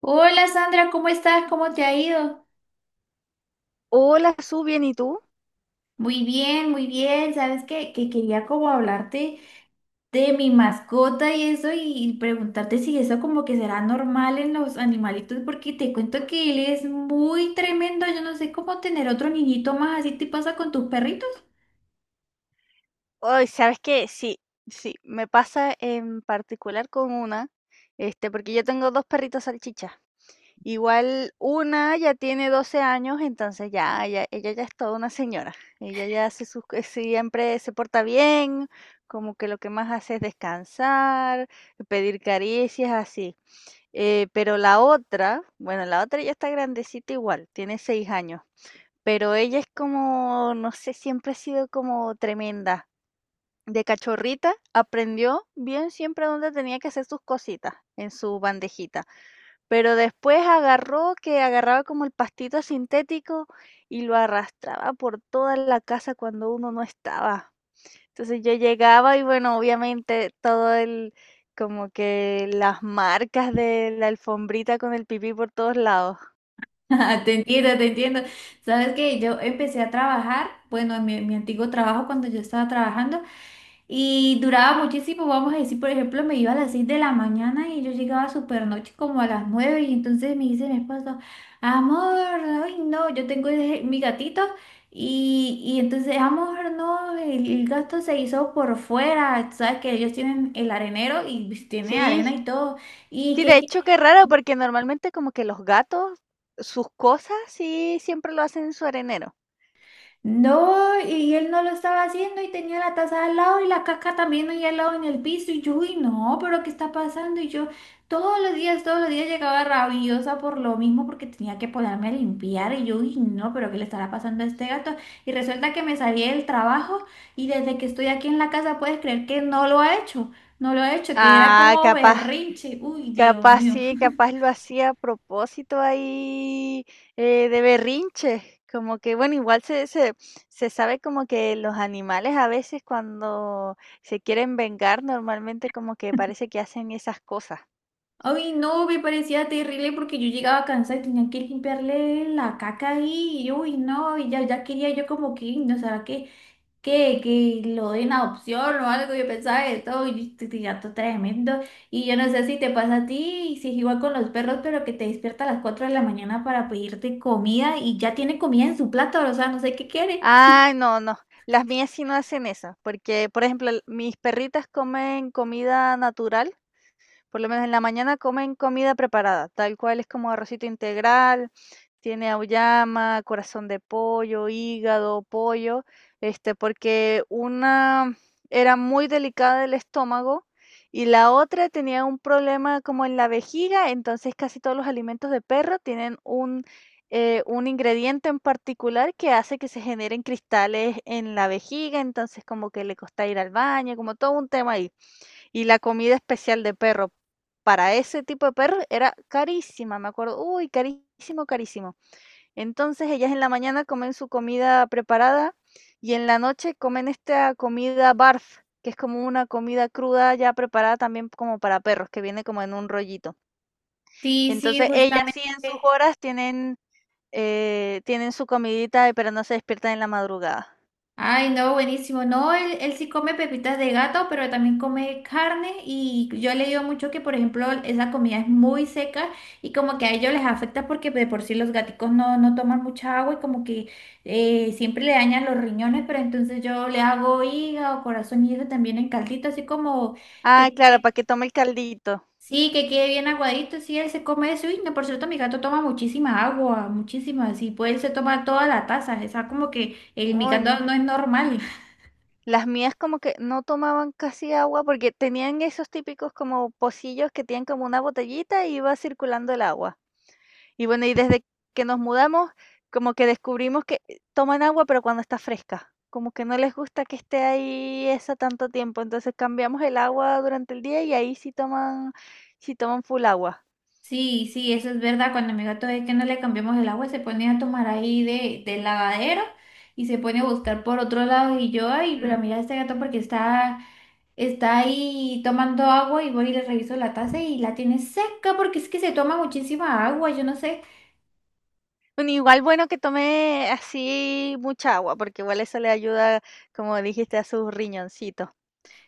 Hola Sandra, ¿cómo estás? ¿Cómo te ha ido? Hola, Su, bien, ¿y tú? Muy bien, muy bien. Sabes que quería como hablarte de mi mascota y eso y preguntarte si eso como que será normal en los animalitos porque te cuento que él es muy tremendo. Yo no sé cómo tener otro niñito más. ¿Así te pasa con tus perritos? Ay, ¿sabes qué? Sí, sí, me pasa en particular con una, porque yo tengo dos perritos salchichas. Igual una ya tiene 12 años, entonces ella ya es toda una señora. Ella ya hace sus, siempre se porta bien, como que lo que más hace es descansar, pedir caricias, así. Pero la otra, bueno, la otra ya está grandecita igual, tiene 6 años. Pero ella es como, no sé, siempre ha sido como tremenda. De cachorrita aprendió bien siempre dónde tenía que hacer sus cositas en su bandejita, pero después agarró que agarraba como el pastito sintético y lo arrastraba por toda la casa cuando uno no estaba. Entonces yo llegaba y bueno, obviamente como que las marcas de la alfombrita con el pipí por todos lados. Te entiendo, te entiendo. Sabes que yo empecé a trabajar, bueno, en mi antiguo trabajo cuando yo estaba trabajando y duraba muchísimo, vamos a decir, por ejemplo, me iba a las 6 de la mañana y yo llegaba súper noche como a las 9 y entonces me dice mi esposo, amor, ay no, yo tengo mi gatito y entonces, amor, no, el gato se hizo por fuera, sabes que ellos tienen el arenero y tiene arena Sí, y todo. Y sí, de que hecho, qué raro, porque normalmente como que los gatos, sus cosas, sí, siempre lo hacen en su arenero. no, y él no lo estaba haciendo y tenía la taza al lado y la caca también ahí al lado en el piso y yo, uy, no, pero ¿qué está pasando? Y yo todos los días llegaba rabiosa por lo mismo porque tenía que ponerme a limpiar y yo, uy, no, pero ¿qué le estará pasando a este gato? Y resulta que me salí del trabajo y desde que estoy aquí en la casa puedes creer que no lo ha hecho, no lo ha hecho, que era Ah, como capaz, berrinche, uy, Dios capaz mío. sí, capaz lo hacía a propósito ahí de berrinche. Como que, bueno, igual se sabe como que los animales a veces cuando se quieren vengar, normalmente como que parece que hacen esas cosas. Ay, no, me parecía terrible porque yo llegaba cansada y tenía que limpiarle la caca ahí. Y, uy, no, y ya, ya quería yo como que, no sé que lo den a adopción o algo. Yo pensaba esto, y yo tenía todo tremendo. Y yo no sé si te pasa a ti, y si es igual con los perros, pero que te despierta a las 4 de la mañana para pedirte comida y ya tiene comida en su plato, o sea, no sé qué quiere. Ah, no, no. Las mías sí no hacen eso, porque, por ejemplo, mis perritas comen comida natural, por lo menos en la mañana comen comida preparada, tal cual es como arrocito integral, tiene auyama, corazón de pollo, hígado, pollo, porque una era muy delicada del estómago y la otra tenía un problema como en la vejiga, entonces casi todos los alimentos de perro tienen un ingrediente en particular que hace que se generen cristales en la vejiga, entonces como que le costaba ir al baño, como todo un tema ahí. Y la comida especial de perro, para ese tipo de perro era carísima, me acuerdo. Uy, carísimo, carísimo. Entonces ellas en la mañana comen su comida preparada y en la noche comen esta comida barf, que es como una comida cruda ya preparada también como para perros, que viene como en un rollito. Sí, sí, Entonces ellas justamente. sí en sus horas tienen su comidita, pero no se despiertan en la madrugada. Ay, no, buenísimo. No, él sí come pepitas de gato, pero también come carne y yo he leído mucho que, por ejemplo, esa comida es muy seca y como que a ellos les afecta porque de por sí los gaticos no toman mucha agua y como que siempre le dañan los riñones, pero entonces yo le hago hígado, corazón y eso también en caldito, así como Ah, que claro, para quede, que tome el caldito. sí, que quede bien aguadito, sí, él se come eso. Y no, por cierto, mi gato toma muchísima agua, muchísima, sí, pues él se toma toda la taza, o sea, como que el, mi Uy, gato no. no es normal. Las mías como que no tomaban casi agua porque tenían esos típicos como pocillos que tienen como una botellita y iba circulando el agua. Y bueno, y desde que nos mudamos, como que descubrimos que toman agua, pero cuando está fresca. Como que no les gusta que esté ahí esa tanto tiempo. Entonces cambiamos el agua durante el día y ahí sí toman full agua. Sí, sí, eso es verdad. Cuando mi gato es que no le cambiamos el agua, se pone a tomar ahí del lavadero y se pone a buscar por otro lado. Y yo, ay, pero Mm. mira este gato porque está, está ahí tomando agua y voy y le reviso la taza y la tiene seca porque es que se toma muchísima agua. Yo no sé. Bueno, igual bueno que tome así mucha agua, porque igual eso le ayuda, como dijiste, a sus riñoncitos.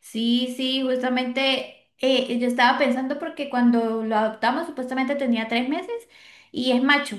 Sí, sí, justamente yo estaba pensando porque cuando lo adoptamos supuestamente tenía 3 meses y es macho.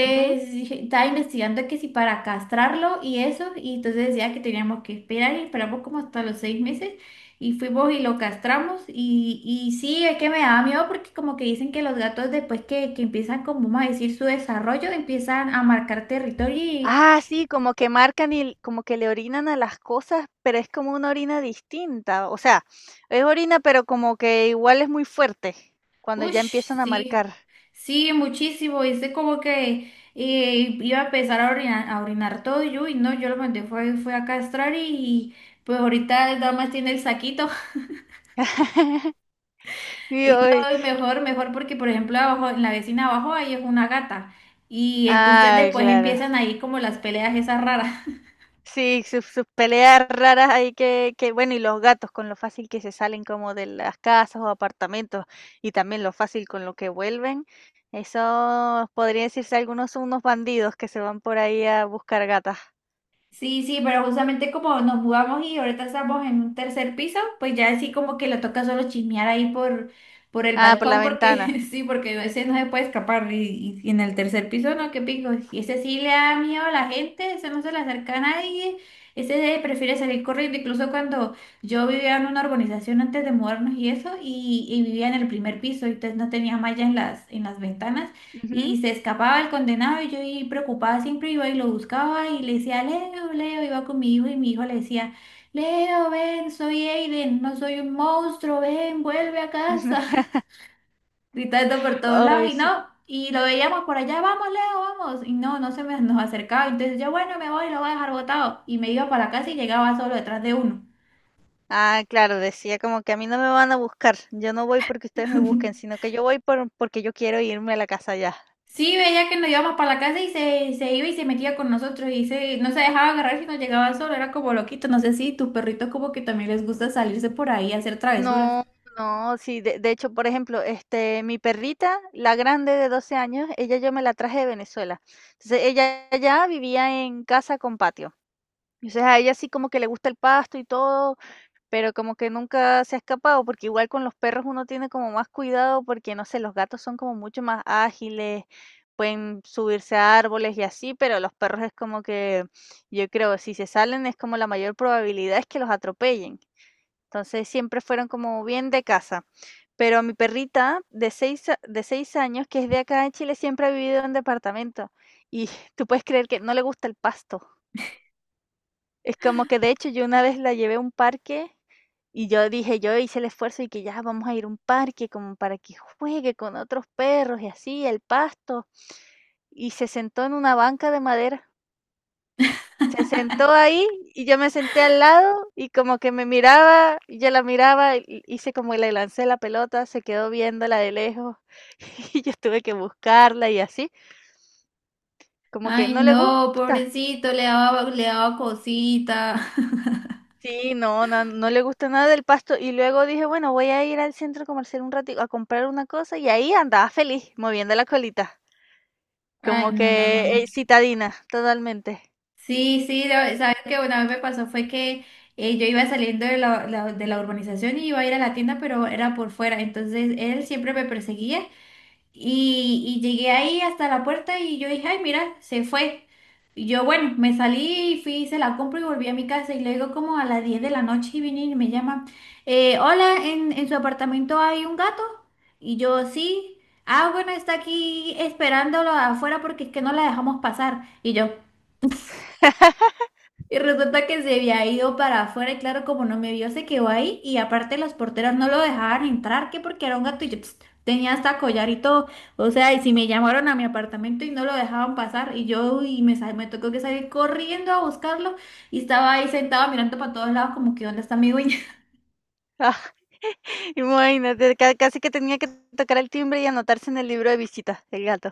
Ujú. dije- Estaba investigando que si para castrarlo y eso, y entonces decía que teníamos que esperar y esperamos como hasta los 6 meses y fuimos y lo castramos y sí, es que me daba miedo porque como que dicen que los gatos después que empiezan como vamos a decir su desarrollo empiezan a marcar territorio. Ah, sí, como que marcan y como que le orinan a las cosas, pero es como una orina distinta. O sea, es orina, pero como que igual es muy fuerte cuando ya Ush, empiezan a marcar. sí, sí, muchísimo. Hice como que iba a empezar a orinar todo y yo, y no, yo lo mandé, fue a castrar y pues ahorita nada más tiene el saquito. Y hoy, Ay, mejor, mejor porque por ejemplo abajo, en la vecina abajo ahí es una gata y entonces ah, después claro. empiezan ahí como las peleas esas raras. Sí, sus, sus peleas raras ahí que, bueno, y los gatos con lo fácil que se salen como de las casas o apartamentos y también lo fácil con lo que vuelven. Eso podría decirse algunos son unos bandidos que se van por ahí a buscar gatas. Sí, sí, pero justamente como nos mudamos y ahorita estamos en un tercer piso, pues ya así como que le toca solo chismear ahí por el Ah, por la balcón, ventana. porque sí, porque ese no se puede escapar. Y en el tercer piso, no, qué pico. Y ese sí le da miedo a la gente, ese no se le acerca a nadie, ese prefiere salir corriendo. Incluso cuando yo vivía en una urbanización antes de mudarnos y eso, y vivía en el primer piso, entonces no tenía malla en las ventanas. Ujú. Y se escapaba el condenado y yo ahí preocupada siempre iba y lo buscaba y le decía, Leo, Leo, iba con mi hijo y mi hijo le decía, Leo, ven, soy Aiden, no soy un monstruo, ven, vuelve a casa. Gritando por todos lados Ay, y sí. no, y lo veíamos por allá, vamos, Leo, vamos, y no, nos acercaba, entonces yo, bueno, me voy, lo voy a dejar botado y me iba para la casa y llegaba solo detrás de uno. Ah, claro, decía como que a mí no me van a buscar, yo no voy porque ustedes me busquen, sino que yo voy porque yo quiero irme a la casa ya. Sí, veía que nos íbamos para la casa y se iba y se metía con nosotros y se, no se dejaba agarrar si nos llegaba solo, era como loquito. No sé si tus perritos como que también les gusta salirse por ahí a hacer travesuras. No, no, sí, de hecho, por ejemplo, este, mi perrita, la grande de 12 años, ella yo me la traje de Venezuela. Entonces, ella ya vivía en casa con patio. Entonces, a ella sí como que le gusta el pasto y todo, pero como que nunca se ha escapado, porque igual con los perros uno tiene como más cuidado, porque no sé, los gatos son como mucho más ágiles, pueden subirse a árboles y así, pero los perros es como que, yo creo, si se salen es como la mayor probabilidad es que los atropellen. Entonces siempre fueron como bien de casa. Pero mi perrita de de 6 años, que es de acá en Chile, siempre ha vivido en departamento. Y tú puedes creer que no le gusta el pasto. Es como que de hecho yo una vez la llevé a un parque y yo dije, yo hice el esfuerzo y que ya vamos a ir a un parque como para que juegue con otros perros y así, el pasto. Y se sentó en una banca de madera. Se sentó ahí y yo me senté al lado y como que me miraba y yo la miraba, y hice como que le lancé la pelota, se quedó viéndola de lejos y yo tuve que buscarla y así, como que Ay, no le no, gusta. pobrecito, le daba cosita. Sí, no, no, no le gusta nada del pasto. Y luego dije, bueno, voy a ir al centro comercial un ratito a comprar una cosa y ahí andaba feliz, moviendo la colita, Ay, como no, no, no, que no. citadina, totalmente. Sí, sí, sabes que una vez me pasó fue que yo iba saliendo de de la urbanización y iba a ir a la tienda, pero era por fuera, entonces él siempre me perseguía y llegué ahí hasta la puerta y yo dije, ay, mira, se fue. Y yo, bueno, me salí y fui, hice la compra y volví a mi casa y luego como a las 10 de la noche y vine y me llama, hola, en su apartamento hay un gato y yo sí. Ah, bueno, está aquí esperándolo afuera porque es que no la dejamos pasar. Y yo, y resulta que se había ido para afuera y claro, como no me vio, se quedó ahí y aparte las porteras no lo dejaban entrar, que porque era un gato y yo pst, tenía hasta collar y todo. O sea, y si me llamaron a mi apartamento y no lo dejaban pasar y yo y me tocó que salir corriendo a buscarlo y estaba ahí sentado mirando para todos lados como que ¿dónde está mi dueña? Ah, imagínate, ca- casi que tenía que tocar el timbre y anotarse en el libro de visitas, el gato.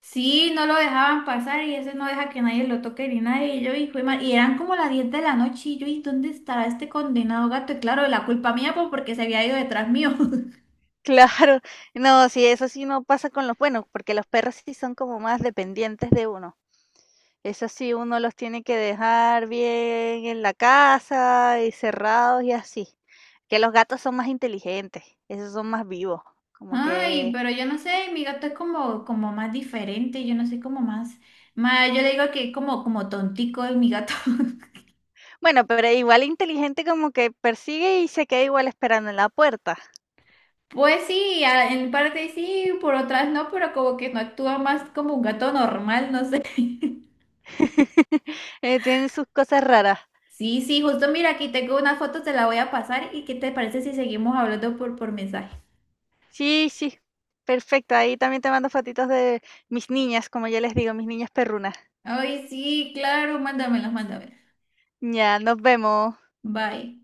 Sí, no lo dejaban pasar y ese no deja que nadie lo toque ni nadie. Y yo, y eran como las 10 de la noche y yo, ¿y dónde estará este condenado gato? Y claro, la culpa mía pues porque se había ido detrás mío. Claro, no, sí, eso sí no pasa con los buenos, porque los perros sí son como más dependientes de uno. Eso sí, uno los tiene que dejar bien en la casa y cerrados y así. Que los gatos son más inteligentes, esos son más vivos, como Ay, que, pero yo no sé, mi gato es como, como más diferente, yo no sé, como yo le digo que es como, como tontico es mi gato. bueno, pero igual inteligente como que persigue y se queda igual esperando en la puerta. Pues sí, en parte sí, por otras no, pero como que no actúa más como un gato normal, no sé. Tienen sus cosas raras. Sí, sí, justo mira, aquí tengo una foto, te la voy a pasar y ¿qué te parece si seguimos hablando por mensaje? Sí, sí, perfecto. Ahí también te mando fotitos de mis niñas, como yo les digo, mis niñas perrunas. Ay, sí, claro, mándamelas, mándamelas. Ya, nos vemos. Bye.